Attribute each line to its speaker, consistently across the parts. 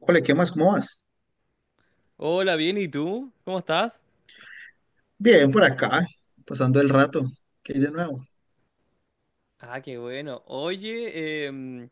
Speaker 1: Ole, ¿qué más? ¿Cómo vas?
Speaker 2: Hola, bien, ¿y tú? ¿Cómo estás?
Speaker 1: Bien, por acá, pasando el rato. ¿Qué hay de nuevo?
Speaker 2: Ah, qué bueno. Oye,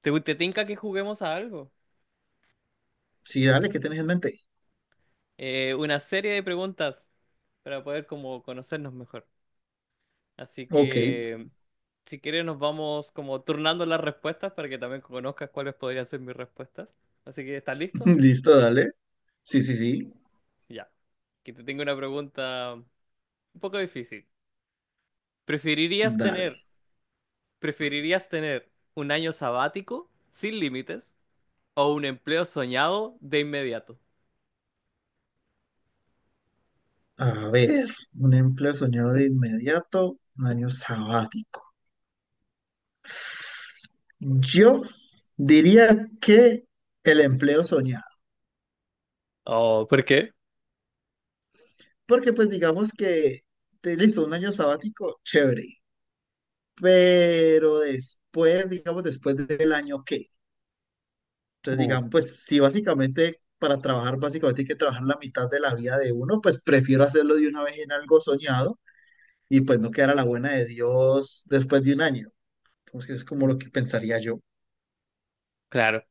Speaker 2: ¿te tinca que juguemos a algo?
Speaker 1: Sí, dale, ¿qué tenés en mente?
Speaker 2: Una serie de preguntas para poder como conocernos mejor. Así
Speaker 1: Ok,
Speaker 2: que, si quieres, nos vamos como turnando las respuestas para que también conozcas cuáles podrían ser mis respuestas. Así que, ¿estás listo?
Speaker 1: listo, dale. Sí, sí, sí,
Speaker 2: Ya. Que te tengo una pregunta un poco difícil. ¿Preferirías tener,
Speaker 1: dale.
Speaker 2: ¿preferirías tener un año sabático sin límites o un empleo soñado de inmediato?
Speaker 1: A ver, un empleo soñado de inmediato, un año sabático. Yo diría que el empleo soñado,
Speaker 2: Oh, ¿por qué?
Speaker 1: porque pues digamos que, listo, un año sabático, chévere, pero después, digamos, después del año, ¿qué? Entonces,
Speaker 2: Mm,
Speaker 1: digamos, pues si básicamente para trabajar, básicamente hay que trabajar la mitad de la vida de uno, pues prefiero hacerlo de una vez en algo soñado y pues no quedar a la buena de Dios después de un año. Entonces, es como
Speaker 2: mm.
Speaker 1: lo que pensaría yo.
Speaker 2: Claro.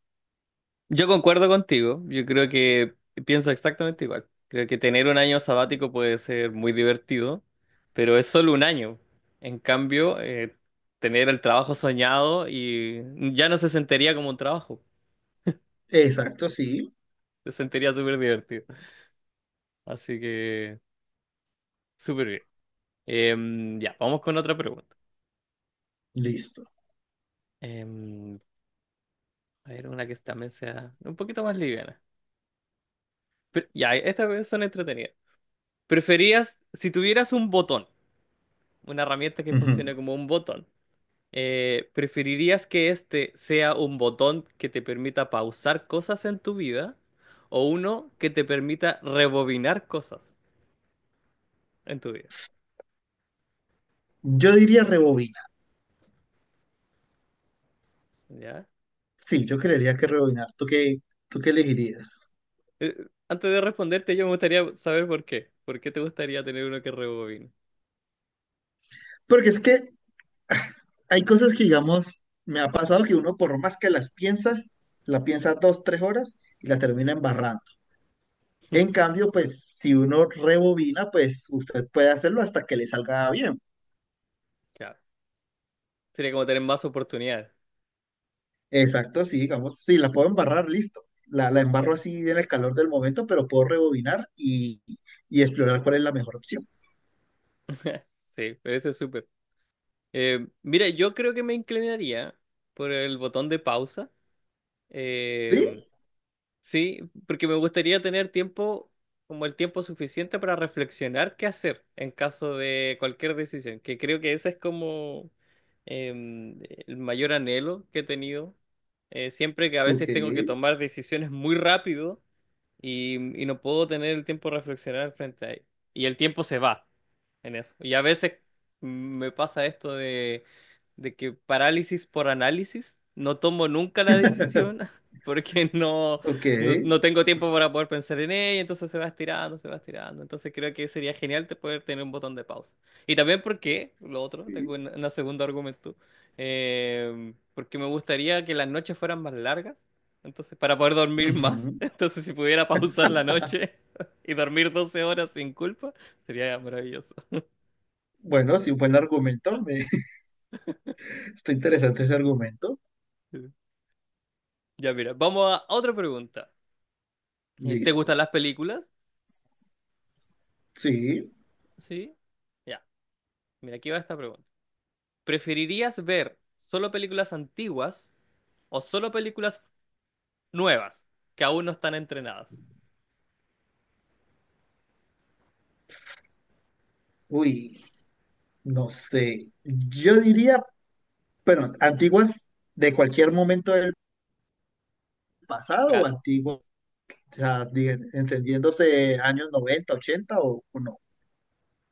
Speaker 2: Yo concuerdo contigo. Yo creo que pienso exactamente igual. Creo que tener un año sabático puede ser muy divertido, pero es solo un año. En cambio, tener el trabajo soñado y ya no se sentiría como un trabajo.
Speaker 1: Exacto, sí,
Speaker 2: Se sentiría súper divertido. Así que, súper bien. Ya, vamos con otra pregunta.
Speaker 1: listo.
Speaker 2: Em, a ver, una que también sea un poquito más liviana. Pero, ya, estas son entretenidas. ¿Preferías, si tuvieras un botón, una herramienta que
Speaker 1: Ujú.
Speaker 2: funcione como un botón, ¿preferirías que este sea un botón que te permita pausar cosas en tu vida o uno que te permita rebobinar cosas en tu vida?
Speaker 1: Yo diría rebobinar.
Speaker 2: ¿Ya?
Speaker 1: Sí, yo creería que rebobinar. ¿Tú qué elegirías?
Speaker 2: Eh, antes de responderte, yo me gustaría saber por qué. ¿Por qué te gustaría tener uno que rebobine?
Speaker 1: Porque es que ah, hay cosas que, digamos, me ha pasado que uno por más que las piensa, la piensa dos, tres horas y la termina embarrando. En cambio, pues si uno rebobina, pues usted puede hacerlo hasta que le salga bien.
Speaker 2: Claro. Sería como tener más oportunidades.
Speaker 1: Exacto, sí, digamos, si la puedo embarrar, listo. La embarro
Speaker 2: Mm.
Speaker 1: así en el calor del momento, pero puedo rebobinar y explorar cuál es la mejor opción.
Speaker 2: Sí, pero eso es súper. Mira, yo creo que me inclinaría por el botón de pausa. Em,
Speaker 1: ¿Sí?
Speaker 2: Sí, porque me gustaría tener tiempo, como el tiempo suficiente para reflexionar qué hacer en caso de cualquier decisión, que creo que ese es como em, el mayor anhelo que he tenido. Siempre que a
Speaker 1: Ok,
Speaker 2: veces tengo que tomar decisiones muy rápido y no puedo tener el tiempo de reflexionar frente a ello. Y el tiempo se va en eso. Y a veces me pasa esto de que parálisis por análisis, no tomo nunca la decisión porque
Speaker 1: ok.
Speaker 2: no tengo tiempo para poder pensar en ella, entonces se va estirando, se va estirando. Entonces creo que sería genial te poder tener un botón de pausa. Y también porque, lo otro, tengo
Speaker 1: Sí.
Speaker 2: un segundo argumento, porque me gustaría que las noches fueran más largas, entonces para poder dormir más,
Speaker 1: Ujú.
Speaker 2: entonces si pudiera pausar la noche. Y dormir 12 horas sin culpa sería maravilloso.
Speaker 1: Bueno, sí, un buen argumento. Me, está interesante ese argumento.
Speaker 2: Ya, mira, vamos a otra pregunta. ¿Te gustan
Speaker 1: Listo.
Speaker 2: las películas?
Speaker 1: Sí.
Speaker 2: Sí. Ya, mira, aquí va esta pregunta. ¿Preferirías ver solo películas antiguas o solo películas nuevas que aún no están entrenadas?
Speaker 1: Uy, no sé. Yo diría, pero antiguas de cualquier momento del pasado o
Speaker 2: Claro,
Speaker 1: antiguas. O sea, entendiéndose años 90 80 o no.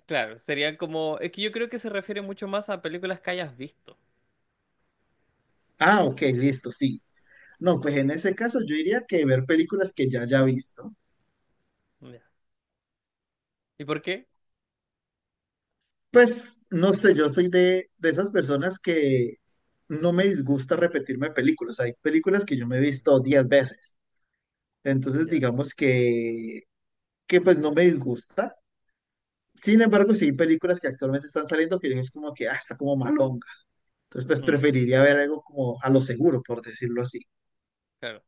Speaker 2: claro, sería como... Es que yo creo que se refiere mucho más a películas que hayas visto.
Speaker 1: Ah, ok, listo, sí. No, pues en ese caso yo diría que ver películas que ya haya visto.
Speaker 2: Ya. ¿Y por qué?
Speaker 1: Pues no sé, yo soy de esas personas que no me disgusta repetirme películas. Hay películas que yo me he
Speaker 2: Mm,
Speaker 1: visto 10 veces. Entonces
Speaker 2: ya.
Speaker 1: digamos que pues no me disgusta. Sin embargo, sí hay películas que actualmente están saliendo que yo es como que, ah, está como malonga. Entonces, pues
Speaker 2: Mm,
Speaker 1: preferiría ver algo como a lo seguro, por decirlo así.
Speaker 2: claro,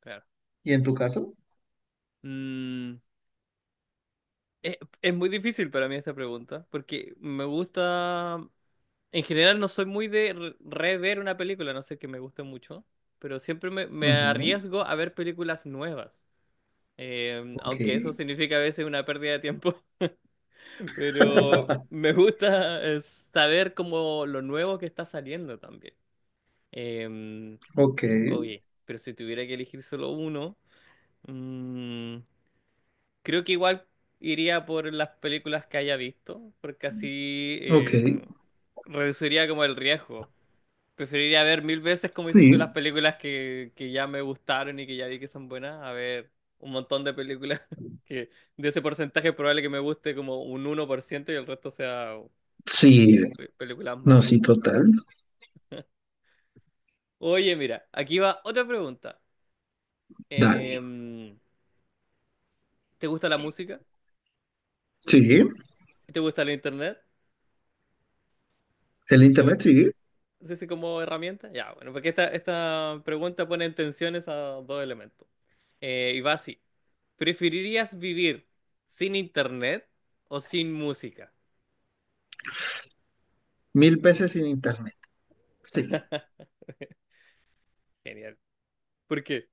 Speaker 2: claro.
Speaker 1: ¿Y en tu caso?
Speaker 2: Mm, es, es muy difícil para mí esta pregunta porque me gusta... En general no soy muy de rever una película, no sé que me guste mucho, pero siempre me
Speaker 1: Ujú.
Speaker 2: arriesgo a ver películas nuevas.
Speaker 1: Ok,
Speaker 2: Aunque eso significa a veces una pérdida de tiempo, pero me gusta saber como lo nuevo que está saliendo también. Eh,
Speaker 1: ok,
Speaker 2: oye, pero si tuviera que elegir solo uno, mm, creo que igual iría por las películas que haya visto, porque así
Speaker 1: ok.
Speaker 2: reduciría como el riesgo. Preferiría ver mil veces, como dices tú, las
Speaker 1: Sí,
Speaker 2: películas que ya me gustaron y que ya vi que son buenas, a ver un montón de películas que de ese porcentaje es probable que me guste como un 1% y el resto sea
Speaker 1: sí,
Speaker 2: películas
Speaker 1: no,
Speaker 2: malas.
Speaker 1: sí, total.
Speaker 2: Oye, mira, aquí va otra pregunta.
Speaker 1: Dale.
Speaker 2: Em, ¿Te gusta la música?
Speaker 1: Sí,
Speaker 2: ¿Te gusta el internet?
Speaker 1: el
Speaker 2: ¿Te
Speaker 1: internet,
Speaker 2: gusta?
Speaker 1: sí.
Speaker 2: Sí, sí, como herramienta. Ya, bueno, porque esta pregunta pone en tensión esos dos elementos. Y va así. ¿Preferirías vivir sin internet o sin música?
Speaker 1: Mil veces sin internet. Sí.
Speaker 2: Genial. ¿Por qué?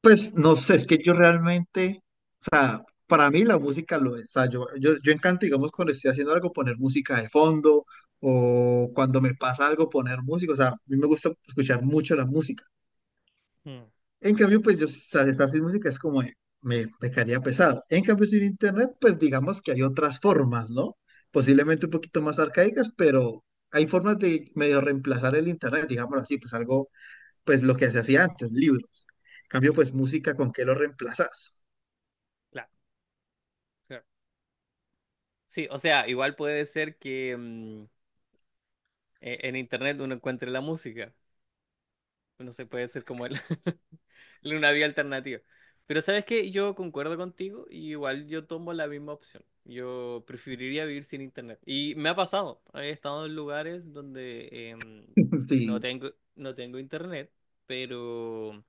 Speaker 1: Pues no sé, es que yo realmente, o sea, para mí la música lo es. O sea, yo encanto, digamos, cuando estoy haciendo algo, poner música de fondo o cuando me pasa algo, poner música. O sea, a mí me gusta escuchar mucho la música.
Speaker 2: Mm.
Speaker 1: En cambio, pues yo o sea, estar sin música es como me pecaría pesado. En cambio, sin internet, pues digamos que hay otras formas, ¿no? Posiblemente un poquito más arcaicas, pero hay formas de medio reemplazar el internet, digámoslo así, pues algo, pues lo que se hacía antes, libros. En cambio, pues música, ¿con qué lo reemplazas?
Speaker 2: Claro, claro. Sí, o sea, igual puede ser que mm, en internet uno encuentre la música. No sé, puede ser como él. Una vía alternativa. Pero sabes que yo concuerdo contigo y igual yo tomo la misma opción. Yo preferiría vivir sin internet. Y me ha pasado. He estado en lugares donde no
Speaker 1: Sí,
Speaker 2: tengo, no tengo internet, pero,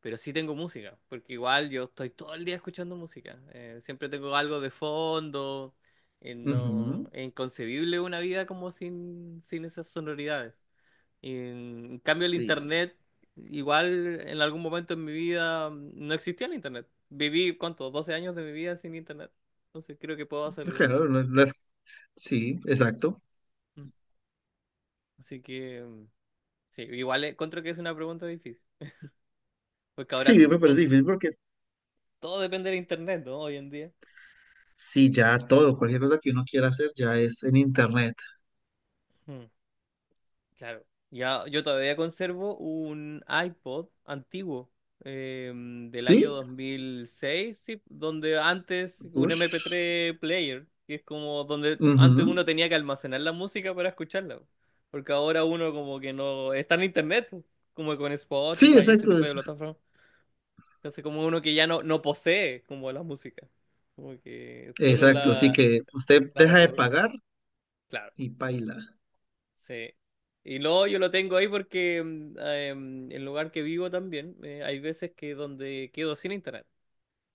Speaker 2: pero sí tengo música. Porque igual yo estoy todo el día escuchando música. Siempre tengo algo de fondo. No,
Speaker 1: ujú,
Speaker 2: es inconcebible una vida como sin esas sonoridades. En cambio, el
Speaker 1: sí,
Speaker 2: internet, igual en algún momento en mi vida no existía el internet. Viví, ¿cuánto? 12 años de mi vida sin internet. Entonces creo que puedo hacerlo.
Speaker 1: claro, no es- sí, exacto.
Speaker 2: Mm. Así que, mm, sí, igual encuentro que es una pregunta difícil. Porque ahora
Speaker 1: Sí, me parece difícil porque
Speaker 2: todo depende del internet, ¿no? Hoy en día.
Speaker 1: sí, ya todo, cualquier cosa que uno quiera hacer ya es en internet.
Speaker 2: Claro. Ya, yo todavía conservo un iPod antiguo del año
Speaker 1: Sí,
Speaker 2: 2006, sí, donde antes un mp
Speaker 1: ush,
Speaker 2: tres player, que es como donde antes
Speaker 1: ujú.
Speaker 2: uno tenía que almacenar la música para escucharla, po. Porque ahora uno como que no está en internet, po, como con
Speaker 1: Sí,
Speaker 2: Spotify y ese
Speaker 1: exacto,
Speaker 2: tipo de
Speaker 1: es-
Speaker 2: plataformas. Entonces como uno que ya no posee como la música, como que solo
Speaker 1: exacto. Así que usted
Speaker 2: la
Speaker 1: deja de
Speaker 2: reproduce.
Speaker 1: pagar
Speaker 2: Claro.
Speaker 1: y paila.
Speaker 2: Sí. Y luego yo lo tengo ahí porque el lugar que vivo también, hay veces que donde quedo sin internet.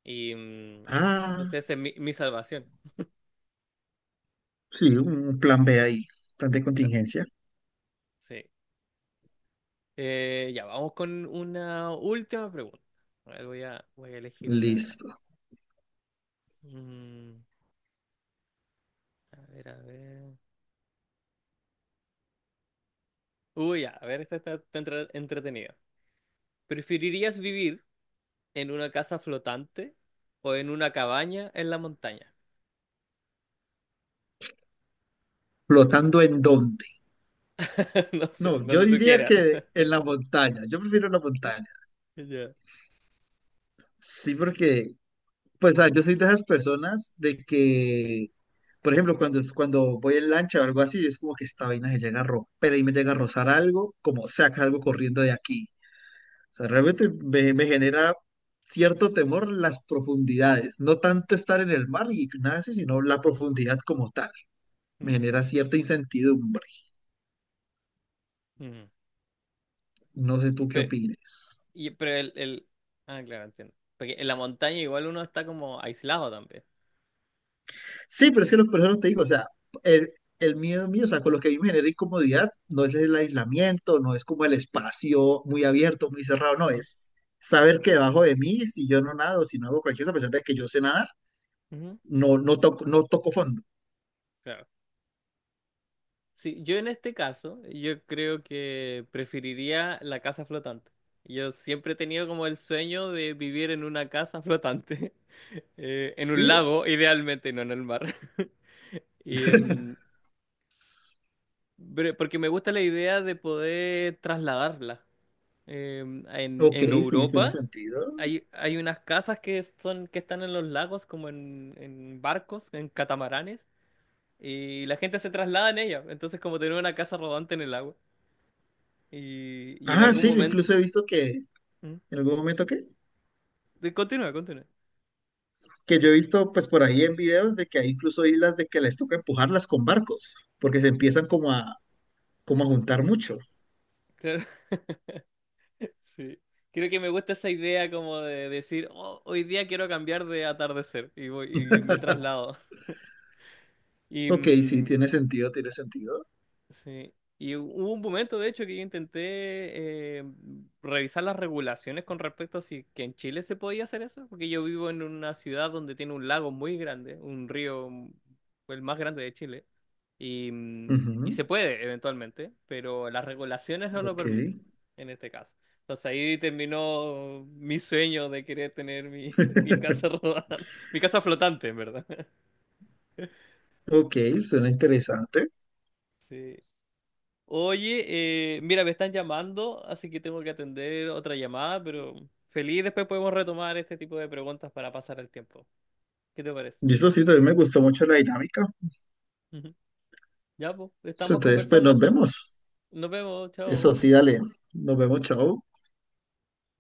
Speaker 2: Y mm,
Speaker 1: Ah,
Speaker 2: entonces esa es mi salvación.
Speaker 1: sí, un plan B ahí, plan de
Speaker 2: Claro,
Speaker 1: contingencia.
Speaker 2: sí. Ya, vamos con una última pregunta. A ver, voy a elegir una.
Speaker 1: Listo.
Speaker 2: Mm, a ver, a ver. Uy, ya, a ver, esta está, está entretenida. ¿Preferirías vivir en una casa flotante o en una cabaña en la montaña?
Speaker 1: ¿Flotando en dónde?
Speaker 2: No sé,
Speaker 1: No, yo
Speaker 2: donde tú
Speaker 1: diría
Speaker 2: quieras.
Speaker 1: que en la montaña. Yo prefiero la montaña.
Speaker 2: Ya.
Speaker 1: Sí, porque, pues, ah, yo soy de esas personas de que, por ejemplo, cuando, cuando voy en lancha o algo así, es como que esta vaina se llega a romper y me llega a rozar algo, como saca algo corriendo de aquí. Sea, realmente me, me genera cierto temor las profundidades, no tanto estar en el mar y nace, sino la profundidad como tal. Me
Speaker 2: Mm.
Speaker 1: genera cierta incertidumbre.
Speaker 2: Ujú.
Speaker 1: No sé tú qué
Speaker 2: Pero,
Speaker 1: opines.
Speaker 2: y, pero el... Ah, claro, entiendo. Porque en la montaña igual uno está como aislado también.
Speaker 1: Sí, pero es que los personas te digo, o sea, el, el miedo mío, o sea, con lo que a mí me genera incomodidad, no es el aislamiento, no es como el espacio muy abierto, muy cerrado, no,
Speaker 2: Mm.
Speaker 1: es saber que debajo de mí, si yo no nado, si no hago cualquier cosa, a pesar de que yo sé nadar,
Speaker 2: Ujú.
Speaker 1: no, no toco, no toco fondo.
Speaker 2: Claro. Sí, yo en este caso, yo creo que preferiría la casa flotante. Yo siempre he tenido como el sueño de vivir en una casa flotante, en un
Speaker 1: Sí,
Speaker 2: lago, idealmente, no en el mar. Y, pero- porque me gusta la idea de poder trasladarla. Eh,
Speaker 1: ok,
Speaker 2: en
Speaker 1: sí, tiene
Speaker 2: Europa
Speaker 1: sentido.
Speaker 2: hay unas casas que son, que están en los lagos, como en barcos, en catamaranes, y la gente se traslada en ellas. Entonces, como tener una casa rodante en el agua. Y en
Speaker 1: Ah,
Speaker 2: algún
Speaker 1: sí, yo
Speaker 2: momento.
Speaker 1: incluso he visto que
Speaker 2: ¿Mm?
Speaker 1: en algún momento
Speaker 2: Continúa, continúa.
Speaker 1: que yo he visto pues por ahí en videos de que hay incluso islas de que les toca empujarlas con barcos, porque se empiezan como a, como a juntar mucho.
Speaker 2: Claro, sí. Creo que me gusta esa idea como de decir, "Oh, hoy día quiero cambiar de atardecer. Y voy, y me traslado. Y,
Speaker 1: Ok, sí,
Speaker 2: mm,
Speaker 1: tiene sentido, tiene sentido.
Speaker 2: Sí. Y hubo un momento, de hecho, que yo intenté revisar las regulaciones con respecto a si que en Chile se podía hacer eso, porque yo vivo en una ciudad donde tiene un lago muy grande, un río, mm, el más grande de Chile, y, mm, y
Speaker 1: Ujú,
Speaker 2: se puede eventualmente, pero las regulaciones no lo
Speaker 1: ok.
Speaker 2: permiten en este caso. Entonces ahí terminó mi sueño de querer tener mi, mi casa rodante, mi casa flotante, en verdad.
Speaker 1: Ok, suena interesante.
Speaker 2: Sí. Oye, mira, me están llamando, así que tengo que atender otra llamada, pero feliz después podemos retomar este tipo de preguntas para pasar el tiempo. ¿Qué te parece?
Speaker 1: Y eso sí, también me gustó mucho la dinámica.
Speaker 2: Ujú. Ya, pues, estamos
Speaker 1: Entonces, pues
Speaker 2: conversando
Speaker 1: nos
Speaker 2: entonces.
Speaker 1: vemos.
Speaker 2: Nos vemos,
Speaker 1: Eso
Speaker 2: chao.
Speaker 1: sí, dale. Nos vemos, chao.